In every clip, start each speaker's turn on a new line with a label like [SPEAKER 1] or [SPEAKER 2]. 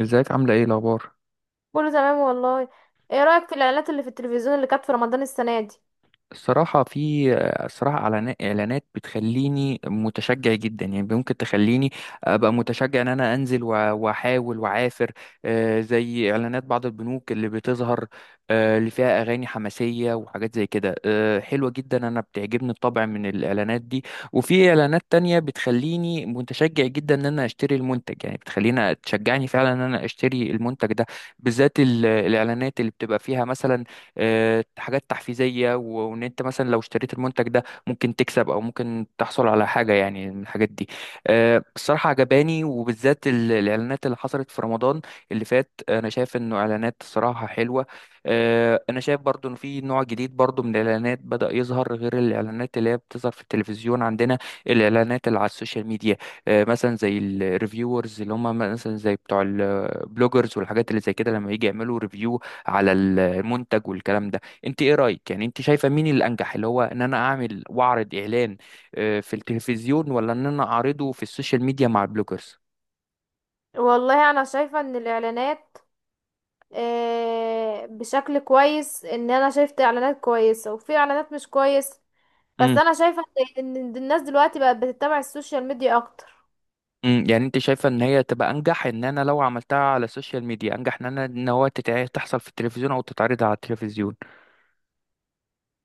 [SPEAKER 1] ازيك عاملة ايه الأخبار؟
[SPEAKER 2] كله تمام والله. ايه رأيك في الاعلانات اللي في التلفزيون اللي كانت في رمضان السنة دي؟
[SPEAKER 1] الصراحة في الصراحة إعلانات بتخليني متشجع جدا يعني ممكن تخليني أبقى متشجع إن أنا أنزل وأحاول وأعافر. زي إعلانات بعض البنوك اللي بتظهر، اللي فيها أغاني حماسية وحاجات زي كده، حلوة جدا. أنا بتعجبني الطبع من الإعلانات دي، وفي إعلانات تانية بتخليني متشجع جدا إن أنا أشتري المنتج، يعني بتخليني تشجعني فعلا إن أنا أشتري المنتج ده، بالذات الإعلانات اللي بتبقى فيها مثلا حاجات تحفيزية وان انت مثلا لو اشتريت المنتج ده ممكن تكسب او ممكن تحصل على حاجة يعني من الحاجات دي. الصراحة عجباني، وبالذات الاعلانات اللي حصلت في رمضان اللي فات. انا شايف انه اعلانات الصراحة حلوة. انا شايف برضو ان في نوع جديد برضو من الاعلانات بدأ يظهر غير الاعلانات اللي هي بتظهر في التلفزيون عندنا، الاعلانات اللي على السوشيال ميديا. مثلا زي الريفيورز اللي هم مثلا زي بتوع البلوجرز والحاجات اللي زي كده، لما يجي يعملوا ريفيو على المنتج والكلام ده. انت ايه رايك؟ يعني انت شايفه مين الانجح، اللي هو ان انا اعمل واعرض اعلان في التلفزيون، ولا ان انا اعرضه في السوشيال ميديا مع البلوجرز؟
[SPEAKER 2] والله انا شايفة ان الاعلانات بشكل كويس، ان انا شايفت اعلانات كويسة وفي اعلانات مش كويس. بس
[SPEAKER 1] امم
[SPEAKER 2] انا شايفة ان الناس دلوقتي بقت بتتبع السوشيال ميديا اكتر.
[SPEAKER 1] امم، يعني انت شايفه ان هي تبقى انجح ان انا لو عملتها على السوشيال ميديا انجح ان انا ان هو تحصل في التلفزيون او تتعرض على التلفزيون؟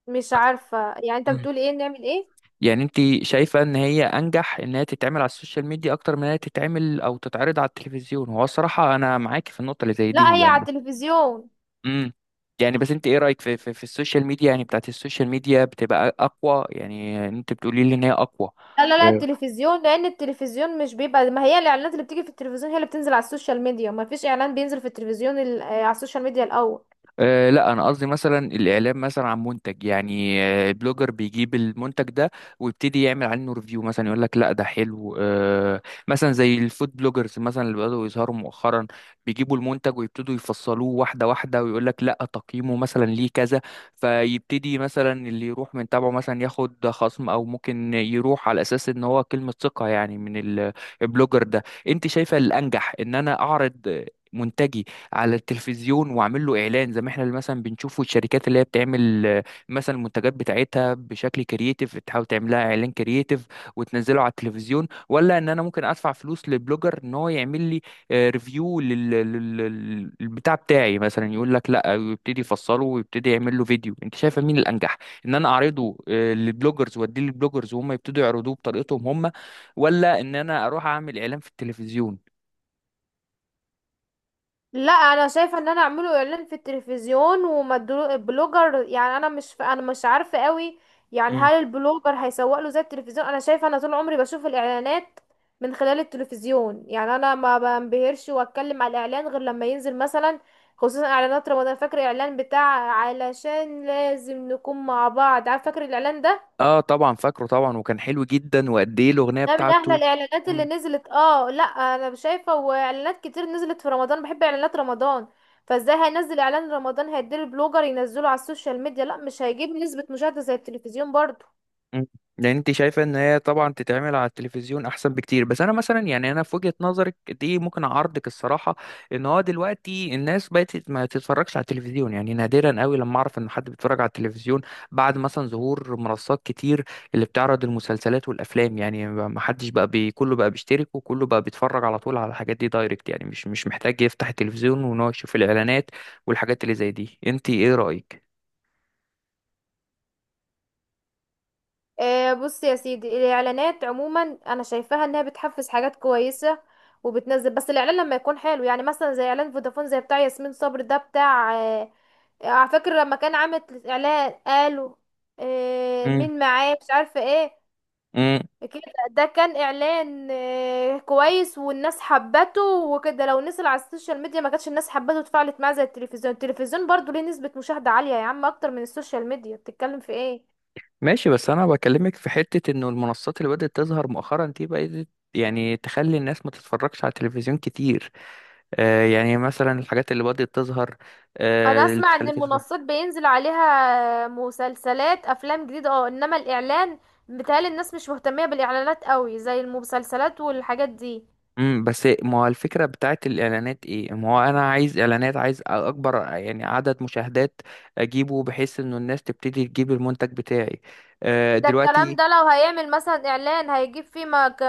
[SPEAKER 2] مش
[SPEAKER 1] بس
[SPEAKER 2] عارفة، يعني انت
[SPEAKER 1] امم،
[SPEAKER 2] بتقول ايه نعمل ايه؟
[SPEAKER 1] يعني انت شايفه ان هي انجح ان هي تتعمل على السوشيال ميديا اكتر من ان هي تتعمل او تتعرض على التلفزيون؟ هو الصراحه انا معاكي في النقطه اللي زي
[SPEAKER 2] لا،
[SPEAKER 1] دي
[SPEAKER 2] هي على
[SPEAKER 1] يعني.
[SPEAKER 2] التلفزيون.
[SPEAKER 1] امم، يعني بس انت ايه رايك في في السوشيال ميديا، يعني بتاعت السوشيال ميديا بتبقى اقوى؟ يعني انت بتقولي لي ان هي اقوى؟
[SPEAKER 2] لا لا لا، التلفزيون، لان التلفزيون مش بيبقى، ما هي الاعلانات اللي بتيجي في التلفزيون هي اللي بتنزل على السوشيال ميديا، ما فيش اعلان بينزل في التلفزيون على السوشيال ميديا الاول.
[SPEAKER 1] أه لا، انا قصدي مثلا الاعلان مثلا عن منتج، يعني البلوجر بيجيب المنتج ده ويبتدي يعمل عنه ريفيو، مثلا يقول لك لا ده حلو أه. مثلا زي الفود بلوجرز مثلا اللي بدأوا يظهروا مؤخرا، بيجيبوا المنتج ويبتدوا يفصلوه واحده واحده ويقول لك لا تقييمه مثلا ليه كذا، فيبتدي مثلا اللي يروح من تابعه مثلا ياخد خصم او ممكن يروح على اساس ان هو كلمه ثقه يعني من البلوجر ده. انت شايفه الانجح ان انا اعرض منتجي على التلفزيون واعمل له اعلان زي ما احنا اللي مثلا بنشوفه الشركات اللي هي بتعمل، مثلا المنتجات بتاعتها بشكل كرييتيف تحاول تعملها اعلان كرييتيف وتنزله على التلفزيون، ولا ان انا ممكن ادفع فلوس لبلوجر ان هو يعمل لي ريفيو للبتاع بتاعي، مثلا يقول لك لا ويبتدي يفصله ويبتدي يعمل له فيديو؟ انت شايفه مين الانجح، ان انا اعرضه للبلوجرز واديه للبلوجرز وهم يبتدوا يعرضوه بطريقتهم هم، ولا ان انا اروح اعمل اعلان في التلفزيون؟
[SPEAKER 2] لا انا شايفه ان انا اعمله اعلان في التلفزيون البلوجر، يعني انا مش عارفه قوي، يعني هل البلوجر هيسوق له زي التلفزيون؟ انا شايفه انا طول عمري بشوف الاعلانات من خلال التلفزيون، يعني انا ما بنبهرش واتكلم على الاعلان غير لما ينزل مثلا، خصوصا اعلانات رمضان. فاكر الاعلان بتاع علشان لازم نكون مع بعض؟ عارف فاكر الاعلان ده؟
[SPEAKER 1] اه طبعا فاكره طبعا، وكان حلو جدا، وقد ايه الاغنيه
[SPEAKER 2] ده من احلى
[SPEAKER 1] بتاعته.
[SPEAKER 2] الاعلانات اللي نزلت. اه، لا انا شايفه، واعلانات كتير نزلت في رمضان، بحب اعلانات رمضان. فازاي هينزل اعلان رمضان هيدير البلوجر ينزله على السوشيال ميديا؟ لا، مش هيجيب نسبه مشاهده زي التلفزيون برضو.
[SPEAKER 1] مم. يعني انت شايفه ان هي طبعا تتعمل على التلفزيون احسن بكتير، بس انا مثلا يعني انا في وجهه نظرك دي ممكن اعارضك الصراحه. ان هو دلوقتي الناس بقت ما تتفرجش على التلفزيون، يعني نادرا قوي لما اعرف ان حد بيتفرج على التلفزيون بعد مثلا ظهور منصات كتير اللي بتعرض المسلسلات والافلام. يعني ما حدش بقى بي كله بقى بيشترك وكله بقى بيتفرج على طول على الحاجات دي دايركت، يعني مش محتاج يفتح التلفزيون وان هو يشوف الاعلانات والحاجات اللي زي دي. انت ايه رايك؟
[SPEAKER 2] آه، بص يا سيدي، الاعلانات عموما انا شايفاها انها بتحفز حاجات كويسه وبتنزل، بس الاعلان لما يكون حلو، يعني مثلا زي اعلان فودافون، زي بتاع ياسمين صبري، ده بتاع على فكره، لما كان عامل اعلان قالوا مين معاه مش عارفه ايه
[SPEAKER 1] مم.
[SPEAKER 2] كده، ده كان اعلان كويس، والناس حبته وكده. لو نزل على السوشيال ميديا ما كانتش الناس حبته واتفاعلت معاه زي التلفزيون. التلفزيون برضو ليه نسبة مشاهدة عالية يا عم، اكتر من السوشيال ميديا، بتتكلم في ايه؟
[SPEAKER 1] ماشي، بس انا بكلمك في حتة انه المنصات اللي بدأت تظهر مؤخرا دي بقت يعني تخلي الناس ما تتفرجش على التلفزيون كتير. آه، يعني مثلا الحاجات اللي بدأت تظهر،
[SPEAKER 2] انا
[SPEAKER 1] آه، اللي
[SPEAKER 2] اسمع ان
[SPEAKER 1] بتخليك تتفرج.
[SPEAKER 2] المنصات بينزل عليها مسلسلات افلام جديدة، اه، انما الاعلان بيتهيألي الناس مش مهتمية بالاعلانات قوي زي المسلسلات والحاجات دي.
[SPEAKER 1] امم، بس ما هو الفكرة بتاعت الإعلانات ايه؟ ما هو انا عايز إعلانات، عايز اكبر يعني عدد مشاهدات اجيبه بحيث انه الناس تبتدي تجيب المنتج بتاعي آه
[SPEAKER 2] ده الكلام
[SPEAKER 1] دلوقتي.
[SPEAKER 2] ده لو هيعمل مثلا اعلان هيجيب فيه ما ك...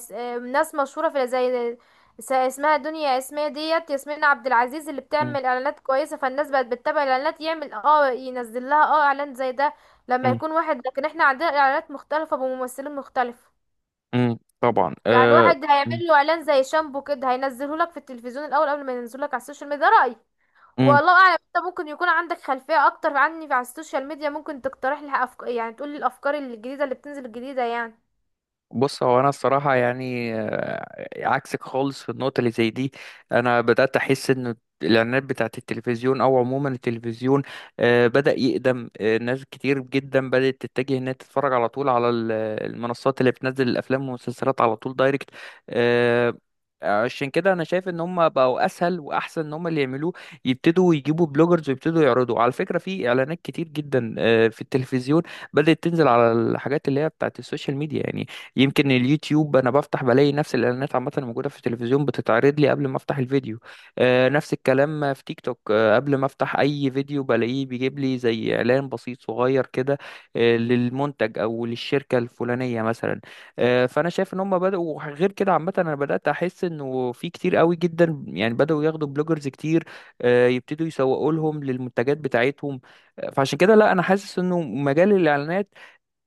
[SPEAKER 2] س- آه، ناس مشهوره، في اسمها دنيا، اسمها ديت ياسمين عبد العزيز، اللي
[SPEAKER 1] امم.
[SPEAKER 2] بتعمل اعلانات كويسه. فالناس بقت بتتابع الاعلانات، يعمل اه ينزل لها اه اعلان زي ده لما
[SPEAKER 1] امم
[SPEAKER 2] يكون واحد. لكن احنا عندنا اعلانات مختلفه بممثلين مختلف،
[SPEAKER 1] امم طبعا،
[SPEAKER 2] يعني
[SPEAKER 1] آه،
[SPEAKER 2] واحد هيعمل له اعلان زي شامبو كده، هينزله لك في التلفزيون الاول قبل ما ينزله لك على السوشيال ميديا. ده رايي،
[SPEAKER 1] امم.
[SPEAKER 2] والله اعلم. انت ممكن يكون عندك خلفية اكتر عني في على السوشيال ميديا، ممكن تقترح لي يعني تقول لي الافكار الجديدة اللي بتنزل الجديدة يعني.
[SPEAKER 1] بص، هو انا الصراحه يعني عكسك خالص في النقطه اللي زي دي. انا بدات احس ان الاعلانات بتاعت التلفزيون او عموما التلفزيون بدا يقدم، ناس كتير جدا بدات تتجه انها تتفرج على طول على المنصات اللي بتنزل الافلام والمسلسلات على طول دايركت. آه، عشان كده انا شايف ان هم بقوا اسهل واحسن ان هم اللي يعملوه، يبتدوا يجيبوا بلوجرز ويبتدوا يعرضوا. على فكره في اعلانات كتير جدا، في التلفزيون، بدات تنزل على الحاجات اللي هي بتاعت السوشيال ميديا يعني. يمكن اليوتيوب انا بفتح بلاقي نفس الاعلانات عامه الموجوده في التلفزيون بتتعرض لي قبل ما افتح الفيديو، نفس الكلام في تيك توك، قبل ما افتح اي فيديو بلاقيه بيجيب لي زي اعلان بسيط صغير كده للمنتج او للشركه الفلانيه مثلا. فانا شايف ان هم بداوا غير كده عامه. انا بدات احس انه في كتير قوي جدا يعني بداوا ياخدوا بلوجرز كتير يبتدوا يسوقوا لهم للمنتجات بتاعتهم. فعشان كده لا، انا حاسس انه مجال الاعلانات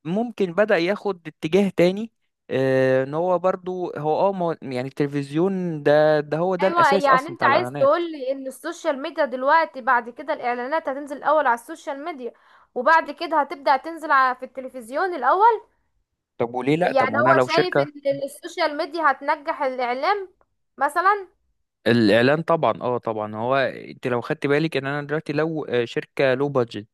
[SPEAKER 1] ممكن بدأ ياخد اتجاه تاني، ان هو برضو هو اه يعني التلفزيون ده هو ده
[SPEAKER 2] ايوه،
[SPEAKER 1] الاساس
[SPEAKER 2] يعني
[SPEAKER 1] اصلا
[SPEAKER 2] انت
[SPEAKER 1] بتاع
[SPEAKER 2] عايز
[SPEAKER 1] الاعلانات.
[SPEAKER 2] تقول لي ان السوشيال ميديا دلوقتي بعد كده الاعلانات هتنزل الاول على السوشيال ميديا وبعد كده هتبدأ تنزل على في التلفزيون الاول؟
[SPEAKER 1] طب وليه لا؟ طب
[SPEAKER 2] يعني
[SPEAKER 1] وانا
[SPEAKER 2] هو
[SPEAKER 1] لو
[SPEAKER 2] شايف
[SPEAKER 1] شركة
[SPEAKER 2] ان السوشيال ميديا هتنجح الاعلام مثلا.
[SPEAKER 1] الاعلان طبعا اه طبعا، هو انت لو خدت بالك ان انا دلوقتي لو شركه لو بادجت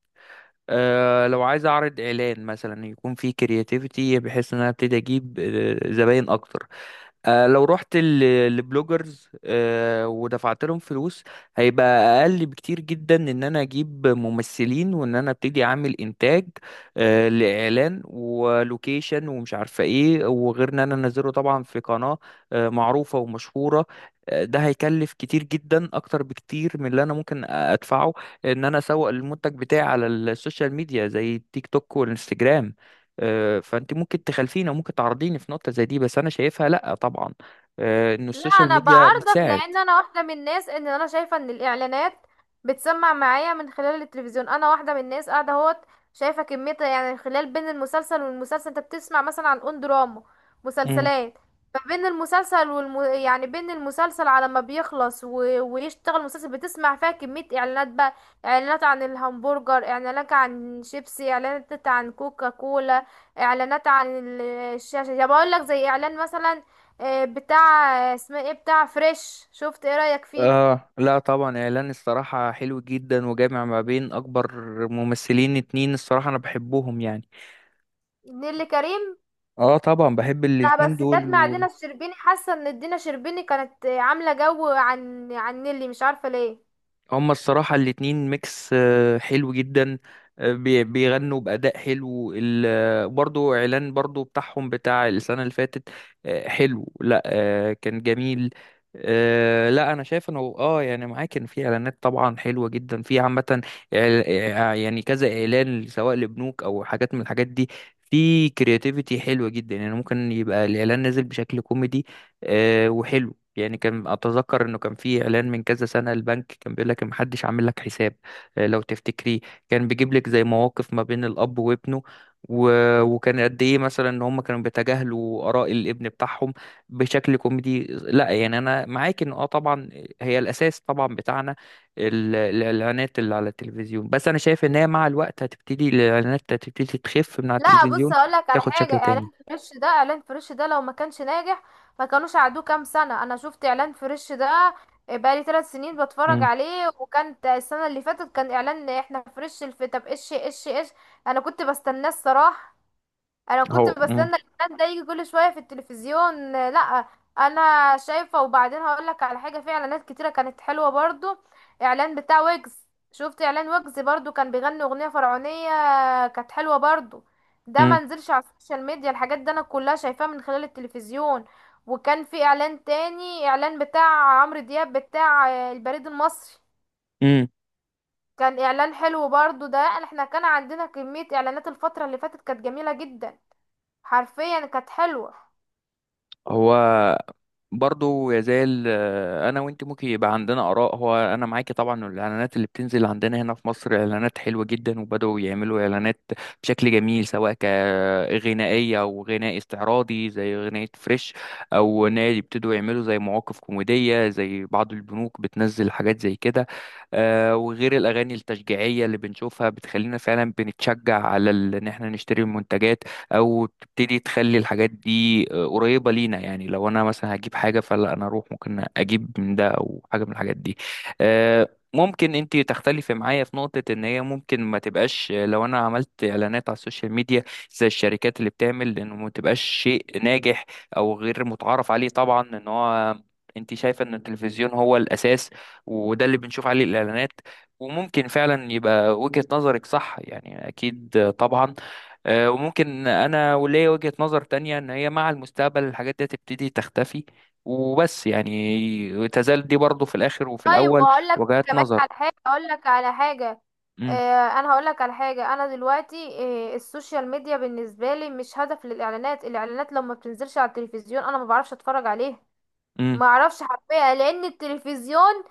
[SPEAKER 1] أه، لو عايز اعرض اعلان مثلا يكون فيه كرياتيفيتي بحيث ان انا ابتدي اجيب زباين اكتر، لو رحت لبلوجرز ودفعت لهم فلوس، هيبقى اقل بكتير جدا ان انا اجيب ممثلين وان انا ابتدي اعمل انتاج لاعلان ولوكيشن ومش عارفه ايه، وغير ان انا انزله طبعا في قناه معروفه ومشهوره. ده هيكلف كتير جدا اكتر بكتير من اللي انا ممكن ادفعه ان انا اسوق المنتج بتاعي على السوشيال ميديا زي التيك توك والانستجرام. فانت ممكن تخالفيني وممكن تعرضيني في نقطة زي دي، بس انا شايفها لا طبعا، انه
[SPEAKER 2] لا
[SPEAKER 1] السوشيال
[SPEAKER 2] انا
[SPEAKER 1] ميديا
[SPEAKER 2] بعارضك،
[SPEAKER 1] بتساعد.
[SPEAKER 2] لان انا واحده من الناس، ان انا شايفه ان الاعلانات بتسمع معايا من خلال التلفزيون. انا واحده من الناس قاعده اهوت شايفه كميه، يعني خلال بين المسلسل والمسلسل انت بتسمع مثلا عن اون دراما
[SPEAKER 1] مم.
[SPEAKER 2] مسلسلات، فبين المسلسل يعني بين المسلسل على ما بيخلص ويشتغل المسلسل بتسمع فيها كميه اعلانات بقى، اعلانات عن الهمبرجر، اعلانات عن شيبسي، اعلانات عن كوكا كولا، اعلانات عن الشاشه. يا بقول لك زي اعلان مثلا بتاع اسمه ايه، بتاع فريش، شفت ايه رأيك فيه؟
[SPEAKER 1] اه لا طبعا، اعلان الصراحة حلو جدا وجامع ما بين اكبر ممثلين اتنين، الصراحة انا بحبهم يعني.
[SPEAKER 2] نيللي كريم.
[SPEAKER 1] اه طبعا بحب
[SPEAKER 2] لا
[SPEAKER 1] الاتنين
[SPEAKER 2] بس
[SPEAKER 1] دول.
[SPEAKER 2] كانت مع دينا الشربيني، حاسة ان دينا الشربيني كانت عاملة جو عن نيللي، مش عارفة ليه.
[SPEAKER 1] هما الصراحة الاتنين ميكس حلو جدا، بيغنوا بأداء حلو. برضو إعلان برضو بتاعهم بتاع السنة اللي فاتت حلو. لا آه، كان جميل. لا أنا شايف إنه آه يعني معاك، كان في إعلانات طبعا حلوة جدا في عامة يعني كذا إعلان سواء لبنوك أو حاجات من الحاجات دي، في كرياتيفيتي حلوة جدا. يعني ممكن يبقى الإعلان نازل بشكل كوميدي وحلو. يعني كان اتذكر انه كان في اعلان من كذا سنه، البنك كان بيقول لك محدش عامل لك حساب، لو تفتكريه، كان بيجيب لك زي مواقف ما بين الاب وابنه و... وكان قد ايه مثلا ان هم كانوا بيتجاهلوا اراء الابن بتاعهم بشكل كوميدي. لا يعني انا معاك ان اه طبعا هي الاساس طبعا بتاعنا الاعلانات اللي على التلفزيون، بس انا شايف ان هي مع الوقت هتبتدي الاعلانات هتبتدي تخف من على
[SPEAKER 2] لا بص
[SPEAKER 1] التلفزيون،
[SPEAKER 2] هقولك على
[SPEAKER 1] تاخد
[SPEAKER 2] حاجة،
[SPEAKER 1] شكل تاني.
[SPEAKER 2] اعلان فريش ده، اعلان فريش ده لو ما كانش ناجح ما كانوش قعدوه كام سنة. انا شفت اعلان فريش ده بقالي 3 سنين بتفرج
[SPEAKER 1] امم.
[SPEAKER 2] عليه، وكانت السنة اللي فاتت كان اعلان احنا فريش الفتى ايش ايش ايش. انا كنت بستناه الصراحة، انا كنت
[SPEAKER 1] هو امم.
[SPEAKER 2] بستنى الاعلان ده يجي كل شويه في التلفزيون. لا انا شايفه، وبعدين هقول لك على حاجه، في اعلانات كتيره كانت حلوه برضو، اعلان بتاع ويجز. شفت اعلان ويجز؟ برضو كان بيغني اغنيه فرعونيه، كانت حلوه برضو. ده ما نزلش على السوشيال ميديا، الحاجات دي انا كلها شايفاها من خلال التلفزيون. وكان في اعلان تاني، اعلان بتاع عمرو دياب بتاع البريد المصري،
[SPEAKER 1] امم.
[SPEAKER 2] كان اعلان حلو برضو. ده احنا كان عندنا كميه اعلانات الفتره اللي فاتت كانت جميله جدا، حرفيا كانت حلوة.
[SPEAKER 1] هو برضو يزال انا وانت ممكن يبقى عندنا اراء. هو انا معاكي طبعا إنه الاعلانات اللي بتنزل عندنا هنا في مصر اعلانات حلوه جدا، وبداوا يعملوا اعلانات بشكل جميل سواء كغنائيه او غناء استعراضي زي غناء فريش، او نادي يبتدوا يعملوا زي مواقف كوميديه زي بعض البنوك بتنزل حاجات زي كده، وغير الاغاني التشجيعيه اللي بنشوفها بتخلينا فعلا بنتشجع على ان احنا نشتري المنتجات، او تبتدي تخلي الحاجات دي قريبه لينا، يعني لو انا مثلا هجيب حاجه فلا انا اروح ممكن اجيب من ده او حاجه من الحاجات دي. ممكن انت تختلفي معايا في نقطة ان هي ممكن ما تبقاش، لو انا عملت اعلانات على السوشيال ميديا زي الشركات اللي بتعمل، انه ما تبقاش شيء ناجح او غير متعارف عليه طبعا. ان هو انت شايفة ان التلفزيون هو الاساس وده اللي بنشوف عليه الاعلانات، وممكن فعلا يبقى وجهة نظرك صح يعني اكيد، طبعا، وممكن انا وليا وجهة نظر تانية ان هي مع المستقبل الحاجات دي تبتدي تختفي، وبس يعني تزال دي برضو في الاخر وفي
[SPEAKER 2] طيب
[SPEAKER 1] الاول
[SPEAKER 2] وهقول لك
[SPEAKER 1] وجهات
[SPEAKER 2] كمان على
[SPEAKER 1] نظر.
[SPEAKER 2] حاجة، هقول لك على حاجة. آه، انا هقول لك على حاجة. انا دلوقتي السوشيال ميديا بالنسبة لي مش هدف للاعلانات. الاعلانات لما بتنزلش على التلفزيون انا ما بعرفش اتفرج عليها، ما اعرفش حرفيا، لان التلفزيون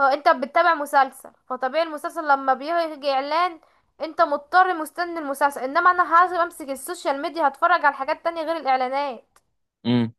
[SPEAKER 2] هو انت بتتابع مسلسل، فطبيعي المسلسل لما بيجي اعلان انت مضطر مستني المسلسل، انما انا هاجي امسك السوشيال ميديا هتفرج على حاجات تانية غير الاعلانات،
[SPEAKER 1] امم.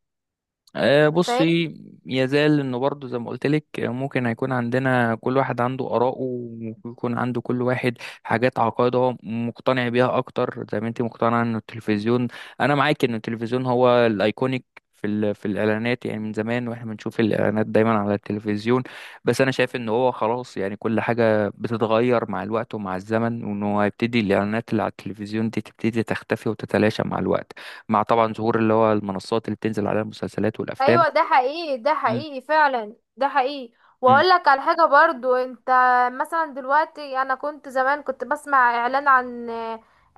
[SPEAKER 2] فاهم؟
[SPEAKER 1] بصي، يزال انه برضه زي ما قلت لك، ممكن هيكون عندنا كل واحد عنده آراءه، ويكون عنده كل واحد حاجات عقائد هو مقتنع بيها اكتر، زي ما انت مقتنعه ان التلفزيون، انا معاك ان التلفزيون هو الايكونيك في في الاعلانات، يعني من زمان واحنا بنشوف الاعلانات دايما على التلفزيون، بس انا شايف ان هو خلاص، يعني كل حاجه بتتغير مع الوقت ومع الزمن، وانه هيبتدي الاعلانات اللي على التلفزيون دي تبتدي تختفي وتتلاشى مع الوقت، مع طبعا ظهور اللي هو المنصات اللي بتنزل عليها المسلسلات والافلام.
[SPEAKER 2] ايوه ده حقيقي، ده
[SPEAKER 1] مم.
[SPEAKER 2] حقيقي فعلا، ده حقيقي.
[SPEAKER 1] مم.
[SPEAKER 2] واقول لك على حاجه برضو انت، مثلا دلوقتي انا كنت زمان كنت بسمع اعلان عن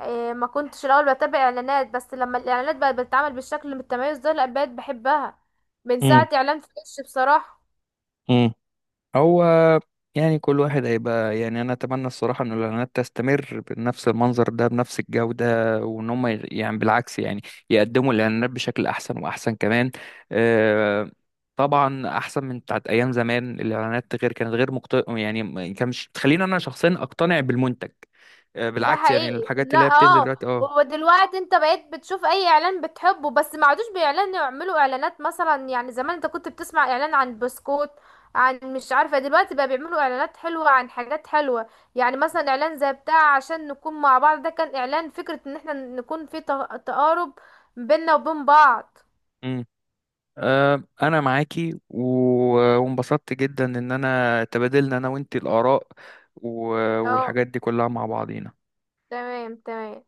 [SPEAKER 2] ما كنتش الاول بتابع اعلانات، بس لما الاعلانات بقت بتتعمل بالشكل المتميز ده لا بقيت بحبها من
[SPEAKER 1] امم.
[SPEAKER 2] ساعه اعلان فريش بصراحه.
[SPEAKER 1] امم. هو يعني كل واحد هيبقى، يعني انا اتمنى الصراحه ان الاعلانات تستمر بنفس المنظر ده بنفس الجوده، وان هم يعني بالعكس يعني يقدموا الاعلانات بشكل احسن واحسن كمان، آه، طبعا احسن من بتاعت ايام زمان. الاعلانات غير كانت غير يعني ما كانش بتخليني انا شخصيا اقتنع بالمنتج،
[SPEAKER 2] ده
[SPEAKER 1] بالعكس يعني
[SPEAKER 2] حقيقي،
[SPEAKER 1] الحاجات
[SPEAKER 2] لا
[SPEAKER 1] اللي هي بتنزل
[SPEAKER 2] اه.
[SPEAKER 1] دلوقتي اه.
[SPEAKER 2] ودلوقتي انت بقيت بتشوف اي اعلان بتحبه، بس ما عادوش بيعلنوا، يعملوا اعلانات مثلا، يعني زمان انت كنت بتسمع اعلان عن بسكوت عن مش عارفة. دلوقتي بقى بيعملوا اعلانات حلوة عن حاجات حلوة، يعني مثلا اعلان زي بتاع عشان نكون مع بعض، ده كان اعلان فكرة ان احنا نكون في تقارب بيننا وبين بعض.
[SPEAKER 1] انا معاكي وانبسطت جدا ان انا تبادلنا انا وانتي الاراء
[SPEAKER 2] اه،
[SPEAKER 1] والحاجات دي كلها مع بعضينا.
[SPEAKER 2] تمام تمام.